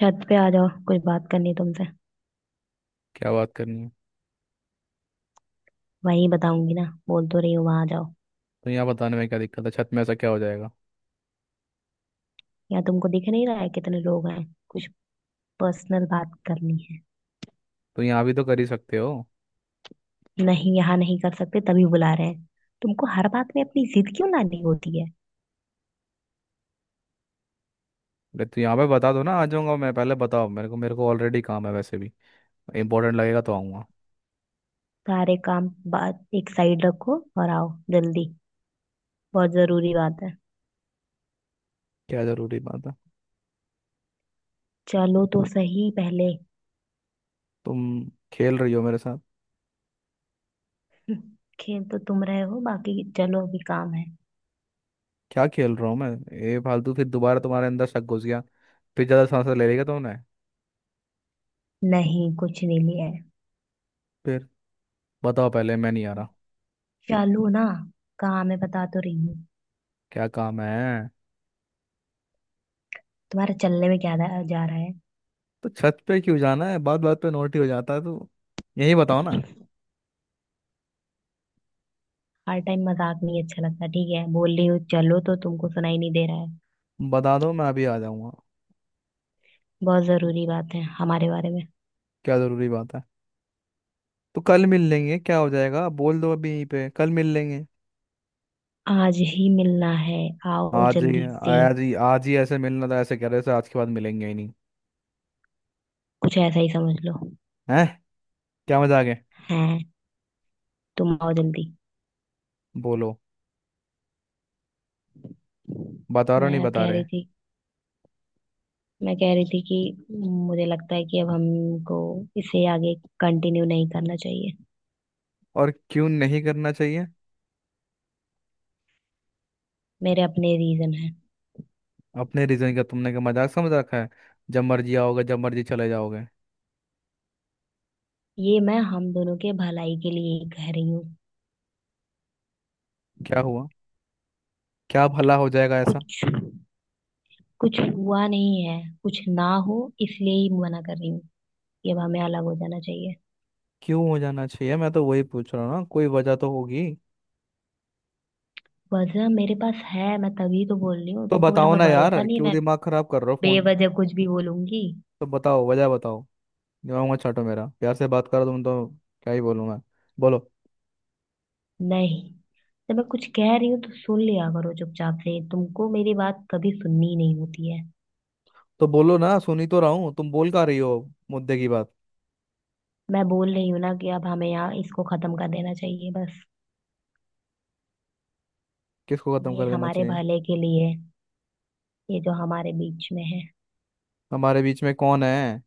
छत पे आ जाओ। कुछ बात करनी है तुमसे। क्या बात करनी है। वही बताऊंगी ना, बोल तो रही हो वहां जाओ। तो यहाँ बताने में क्या दिक्कत है, छत में ऐसा क्या हो जाएगा। यहाँ तुमको दिख नहीं रहा है कितने लोग हैं। कुछ पर्सनल बात करनी तो यहाँ भी तो कर ही सकते हो। है। नहीं, यहाँ नहीं कर सकते तभी बुला रहे हैं। तुमको हर बात में अपनी जिद क्यों लानी होती है? अरे तो यहाँ पे बता दो ना, आ जाऊंगा मैं। पहले बताओ मेरे को ऑलरेडी काम है वैसे भी। इंपॉर्टेंट लगेगा तो आऊँगा। सारे काम बात एक साइड रखो और आओ जल्दी। बहुत जरूरी बात है। क्या ज़रूरी बात है। चलो तो सही पहले। तुम खेल रही हो मेरे साथ? हम्म। खेल तो तुम रहे हो, बाकी चलो अभी काम है। क्या खेल रहा हूँ मैं? ये फालतू फिर दोबारा तुम्हारे अंदर शक घुस गया। फिर ज़्यादा सांस ले लेगा तुमने। नहीं, कुछ नहीं लिया है। फिर बताओ पहले, मैं नहीं आ तुम रहा। चलो ना, काम है बता तो रही हूँ। क्या काम है। तुम्हारा चलने में क्या जा जा रहा है? तो छत पे क्यों जाना है, बात बात पे नोट ही हो जाता है तो। यही बताओ ना। हर टाइम मजाक नहीं अच्छा लगता, ठीक है? बोल रही हूँ चलो तो, तुमको सुनाई नहीं दे रहा है? बता दो मैं अभी आ जाऊँगा। बहुत जरूरी बात है हमारे बारे में। क्या ज़रूरी बात है। तो कल मिल लेंगे, क्या हो जाएगा, बोल दो अभी यहीं पे, कल मिल लेंगे। आज ही मिलना है, आओ आज ही जल्दी से। आज ही आज ही ऐसे मिलना था, ऐसे कह रहे थे आज के बाद मिलेंगे ही नहीं। कुछ ऐसा ही समझ लो। हैं? क्या मजा आ गया। हैं। तुम आओ जल्दी। बोलो। बता रहे हो नहीं मैं बता कह रहे। रही थी मैं कह रही थी कि मुझे लगता है कि अब हमको इसे आगे कंटिन्यू नहीं करना चाहिए। और क्यों नहीं करना चाहिए। मेरे अपने रीजन है। अपने रीजन का तुमने क्या मजाक समझ रखा है। जब मर्जी आओगे जब मर्जी चले जाओगे। ये मैं हम दोनों के भलाई के लिए ही कह रही हूँ। क्या हुआ? क्या भला हो जाएगा ऐसा। कुछ कुछ हुआ नहीं है। कुछ ना हो इसलिए ही मना कर रही हूँ। ये अब हमें अलग हो जाना चाहिए। क्यों हो जाना चाहिए, मैं तो वही पूछ रहा हूँ ना, कोई वजह तो होगी। वजह मेरे पास है, मैं तभी तो बोल रही हूँ। तो तुमको मेरे बताओ पे ना भरोसा यार, नहीं है, क्यों मैं दिमाग खराब कर रहे हो फोन। बेवजह कुछ भी बोलूंगी? तो बताओ, वजह बताओ। दिमाग मत चाटो मेरा, प्यार से बात करो तुम तो। क्या ही बोलूँ मैं। बोलो। नहीं। जब मैं कुछ कह रही हूँ तो सुन लिया करो चुपचाप से, तुमको मेरी बात कभी सुननी ही नहीं होती है। तो बोलो ना, सुनी तो रहा हूँ, तुम बोल का रही हो मुद्दे की बात। मैं बोल रही हूँ ना कि अब हमें यहाँ इसको खत्म कर देना चाहिए, बस। किसको खत्म ये कर देना हमारे चाहिए। भले के लिए है, ये जो हमारे बीच में है। हमारे बीच में कौन है।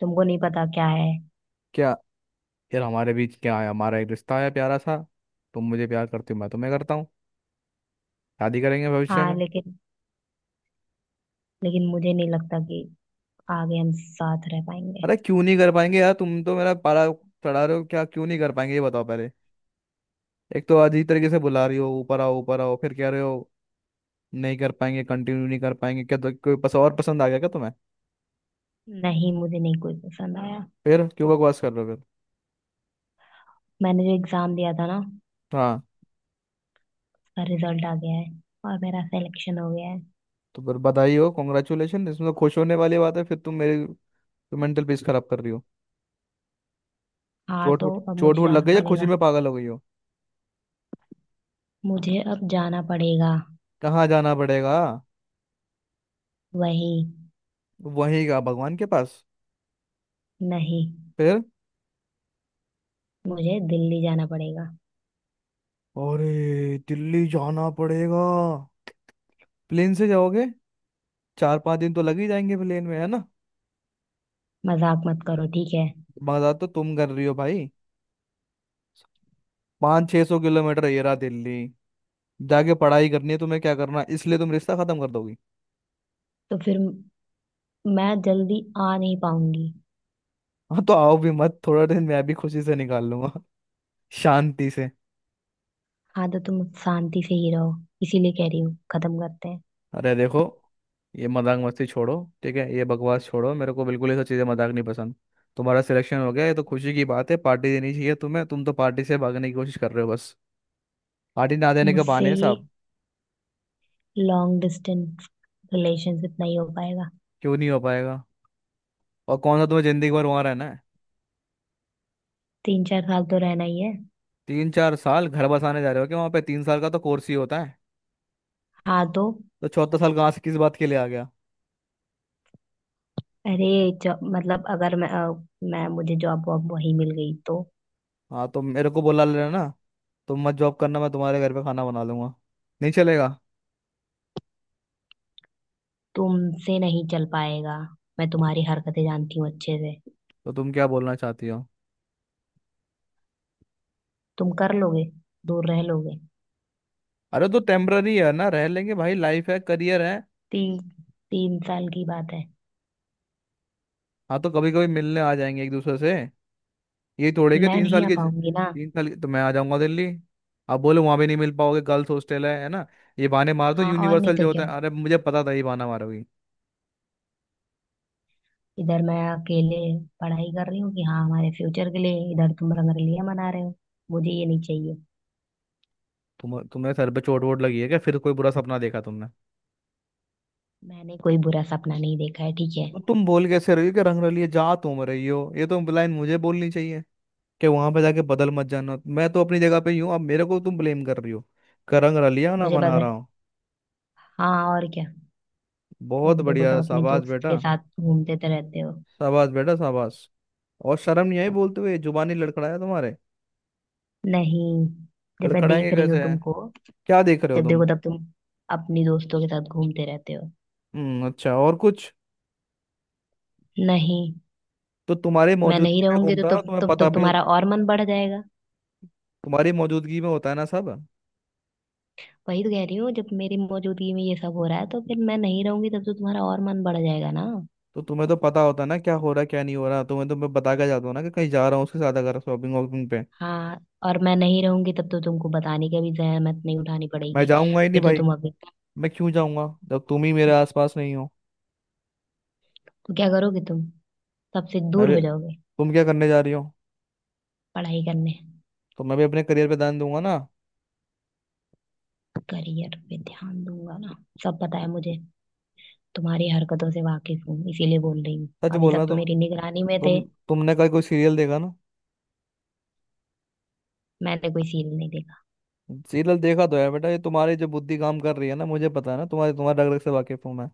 तुमको नहीं पता क्या है? क्या? यार हमारे बीच क्या है, हमारा एक रिश्ता है प्यारा सा। तुम मुझे प्यार करती हो, मैं तुम्हें करता हूँ। शादी करेंगे भविष्य हाँ में। लेकिन, लेकिन मुझे नहीं लगता कि आगे हम साथ रह पाएंगे। अरे क्यों नहीं कर पाएंगे यार, तुम तो मेरा पारा चढ़ा रहे हो क्या। क्यों नहीं कर पाएंगे ये बताओ पहले। एक तो अजीब तरीके से बुला रही हो, ऊपर आओ ऊपर आओ, फिर कह रहे हो नहीं कर पाएंगे, कंटिन्यू नहीं कर पाएंगे। क्या तो कोई पस और पसंद आ गया क्या तुम्हें। नहीं, मुझे नहीं कोई पसंद आया। फिर क्यों बकवास कर रहे हो फिर। मैंने जो एग्जाम दिया था ना उसका हाँ रिजल्ट आ गया है और मेरा सिलेक्शन हो गया है। तो फिर बधाई हो, कॉन्ग्रेचुलेशन, इसमें तो खुश होने वाली बात है, फिर तुम मेरी तो मेंटल पीस खराब कर रही हो। हाँ, तो अब चोट मुझे वोट लग जाना गई या खुशी पड़ेगा। में पागल हो गई हो। मुझे अब जाना पड़ेगा। कहाँ जाना पड़ेगा। वही। वहीं का भगवान के पास? नहीं, फिर? मुझे दिल्ली जाना पड़ेगा। अरे दिल्ली जाना पड़ेगा। प्लेन से जाओगे? चार पांच दिन तो लग ही जाएंगे प्लेन में, है ना। मजाक मत करो, ठीक है? मजा तो तुम कर रही हो भाई। पाँच छह सौ किलोमीटर ये रहा दिल्ली। जाके पढ़ाई करनी है तुम्हें, क्या करना है, इसलिए तुम रिश्ता खत्म कर दोगी। तो फिर मैं जल्दी आ नहीं पाऊंगी। हाँ तो आओ भी मत, थोड़ा दिन मैं भी खुशी से निकाल लूंगा शांति से। हाँ तो तुम शांति से ही रहो, इसीलिए कह रही हूँ खत्म करते हैं। अरे देखो, ये मजाक मस्ती छोड़ो। ठीक है, ये बकवास छोड़ो, मेरे को बिल्कुल ये सब चीज़ें मजाक नहीं पसंद। तुम्हारा सिलेक्शन हो गया, ये तो खुशी की बात है, पार्टी देनी चाहिए तुम्हें, तुम तो पार्टी से भागने की कोशिश कर रहे हो बस। पार्टी ना देने के मुझसे बहाने हैं ये साहब। लॉन्ग डिस्टेंस रिलेशनशिप नहीं हो पाएगा। क्यों नहीं हो पाएगा। और कौन सा तुम्हें जिंदगी भर वहाँ रहना है। तीन चार साल तो रहना ही है। तीन चार साल घर बसाने जा रहे हो क्या वहाँ पे, तीन साल का तो कोर्स ही होता है। हाँ तो, तो चौथा साल कहाँ से किस बात के लिए आ गया। अरे जॉब, मतलब अगर मैं मुझे जॉब वॉब वही मिल गई तो? हाँ तो मेरे को बुला लेना ना। तुम मत जॉब करना, मैं तुम्हारे घर पे खाना बना लूंगा। नहीं चलेगा? तुमसे नहीं चल पाएगा। मैं तुम्हारी हरकतें जानती हूँ अच्छे से। तो तुम क्या बोलना चाहती हो। तुम कर लोगे, दूर रह लोगे? अरे तो टेम्पररी है ना, रह लेंगे भाई, लाइफ है, करियर है। तीन तीन साल की बात है। हाँ तो कभी कभी मिलने आ जाएंगे एक दूसरे से। ये थोड़े के मैं तीन नहीं साल आ के, पाऊंगी ना। तीन साल के तो मैं आ जाऊंगा दिल्ली। आप बोलो वहां भी नहीं मिल पाओगे, गर्ल्स हॉस्टल है ना। ये बहाने मार दो हाँ, और नहीं यूनिवर्सल जो तो होता क्या। है, अरे मुझे पता था ये बहाना मारोगी। इधर मैं अकेले पढ़ाई कर रही हूँ कि हाँ हमारे फ्यूचर के लिए, इधर तुम रंगरेलियां मना रहे हो। मुझे ये नहीं चाहिए। तुम, तुम्हें सर पे चोट वोट लगी है क्या, फिर कोई बुरा सपना देखा तुमने? मैंने कोई बुरा सपना नहीं देखा है, ठीक है? तो तुम बोल कैसे रही हो कि रंग रलिए जा तुम रही हो, ये तो लाइन मुझे बोलनी चाहिए कि वहां पे जाके बदल मत जाना, मैं तो अपनी जगह पे ही हूँ, अब मेरे को तुम ब्लेम कर रही हो कि रंग रलिया ना मुझे मना बस, रहा हूँ। हाँ और क्या। बहुत जब देखो बढ़िया, तब अपनी शाबाश दोस्त बेटा। के साथ घूमते तो रहते हो। शाबाश बेटा, शाबाश। और शर्म नहीं आई बोलते हुए, जुबानी लड़खड़ाया तुम्हारे। नहीं, जब मैं लड़खड़ाएंगे देख रही हूँ कैसे है। तुमको। क्या देख रहे हो जब तुम। देखो तब तुम अपनी दोस्तों के साथ घूमते रहते हो। हम्म, अच्छा, और कुछ। नहीं। तो तुम्हारी मैं मौजूदगी नहीं में रहूंगी तो घूमता तुम है, तुम्हें तुम पता तो भी। तुम्हारा और मन बढ़ जाएगा। तुम्हारी मौजूदगी में होता है ना सब। वही तो कह रही हूँ, जब मेरी मौजूदगी में ये सब हो रहा है तो फिर मैं नहीं रहूंगी तब तो तुम्हारा और मन बढ़ जाएगा ना। तो तुम्हें तो पता होता है ना क्या हो रहा है क्या नहीं हो रहा, तुम्हें तो मैं बता के जाता हूँ ना कि कहीं जा रहा हूँ उसके साथ अगर शॉपिंग वॉपिंग पे। हाँ, और मैं नहीं रहूंगी तब तो तुमको बताने की भी जहमत नहीं उठानी मैं पड़ेगी। जाऊंगा ही नहीं फिर तो भाई। तुम अभी मैं क्यों जाऊंगा जब तुम ही मेरे तो आसपास नहीं हो। क्या करोगे तुम? सबसे मैं दूर भी, हो जाओगे? तुम क्या करने जा रही हो। पढ़ाई करने। तो मैं भी अपने करियर पे ध्यान दूंगा ना। करियर पे ध्यान दूंगा ना, सब पता है मुझे। तुम्हारी हरकतों से वाकिफ हूँ, इसीलिए बोल रही हूँ सच अभी बोलना तक तो तुम। मेरी निगरानी में थे। तुम तुमने कल कोई सीरियल देखा ना। मैंने कोई सीन नहीं देखा। सीरियल देखा तो है बेटा, ये तुम्हारी जो बुद्धि काम कर रही है ना, मुझे पता है ना, तुम्हारे तुम्हारे रग रग से वाकिफ हूँ मैं।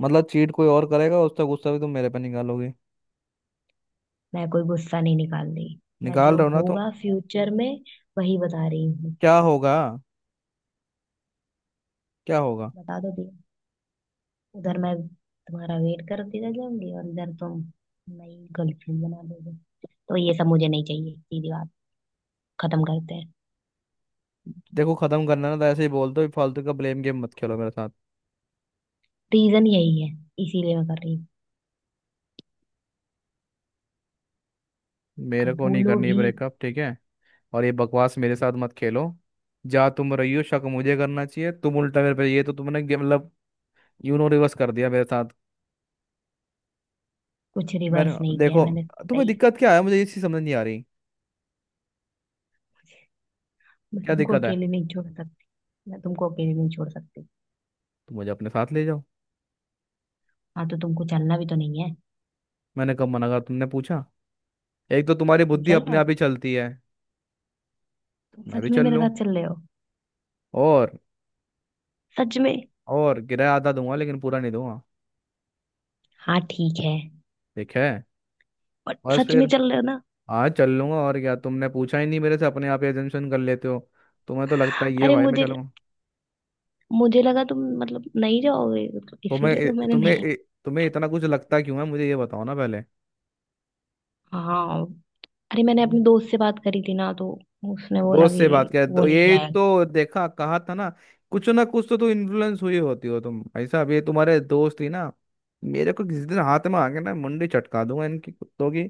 मतलब चीट कोई और करेगा, उसका गुस्सा भी तुम मेरे पे निकालोगे। मैं कोई गुस्सा नहीं निकाल रही। मैं निकाल जो रहे हो ना तो। होगा फ्यूचर में वही बता रही हूँ। क्या होगा। क्या होगा। बता दो भैया। उधर मैं तुम्हारा वेट करती रह जाऊंगी और इधर तुम नई गर्लफ्रेंड बना दोगे। तो ये सब मुझे नहीं चाहिए, सीधी बात, खत्म करते हैं। देखो खत्म करना है ना तो ऐसे ही बोल दो, फालतू का ब्लेम गेम मत खेलो मेरे साथ। रीजन यही है, इसीलिए मैं कर रही हूँ। अब मेरे को नहीं बोलो करनी भी। ब्रेकअप, ठीक है। और ये बकवास मेरे साथ मत खेलो। जा तुम रही हो, शक मुझे करना चाहिए, तुम उल्टा मेरे पे, ये तो तुमने गे- मतलब यूनो रिवर्स कर दिया मेरे साथ। कुछ मेरे रिवर्स नहीं किया है देखो, मैंने, तुम्हें सही। दिक्कत क्या है, मुझे ये चीज समझ नहीं आ रही। मैं क्या तुमको दिक्कत है। अकेले नहीं छोड़ सकती। मैं तुमको अकेले नहीं छोड़ सकती। तुम मुझे अपने साथ ले जाओ। हाँ तो तुमको चलना भी तो नहीं है। मैंने कब मना कहा, तुमने पूछा? एक तो तुम्हारी तुम बुद्धि चल रहे अपने हो? आप ही चलती है। तुम मैं सच भी में चल मेरे लूँ। साथ चल रहे हो? और सच में? और किराया आधा दूंगा लेकिन पूरा नहीं दूंगा। हाँ ठीक है। ठीक है। और बस सच में फिर। चल रहे हो ना? आज चल लूंगा, और क्या, तुमने पूछा ही नहीं मेरे से, अपने आप एजम्पशन कर लेते हो। तुम्हें तो लगता ही है अरे भाई मैं मुझे चलूंगा। मुझे लगा तुम मतलब नहीं जाओगे, मतलब इसीलिए तुम्हें तो मैंने नहीं। तुम्हें तुम्हें इतना कुछ लगता क्यों है मुझे, ये बताओ ना पहले। हाँ, अरे मैंने अपने हम्म। दोस्त से बात करी थी ना तो उसने बोला दोस्त कि से बात कर वो तो नहीं ये जाएगा। तो देखा कहा था ना, कुछ ना कुछ तो तू इन्फ्लुएंस हुई होती हो तुम ऐसा, अब ये तुम्हारे दोस्त ही ना मेरे को किसी दिन हाथ में आके ना, मुंडी चटका दूंगा इनकी, कुत्तों की।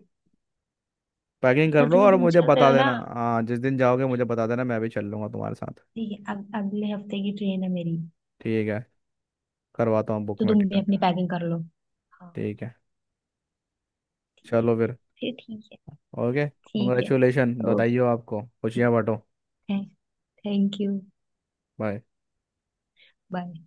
पर पैकिंग कर सच लो में और तुम मुझे चल रहे बता हो ना? देना, हाँ, जिस दिन जाओगे मुझे बता देना, मैं भी चल लूँगा तुम्हारे साथ। ठीक है, अगले हफ्ते की ट्रेन है मेरी। ठीक है, करवाता हूँ बुक तो में तुम भी टिकट। अपनी पैकिंग कर लो। हाँ ठीक है, ठीक है चलो फिर। फिर। ठीक है। ओके। ठीक है। Congratulation, okay. बधाई हो आपको, खुशियाँ बांटो। Thank you. बाय। बाय।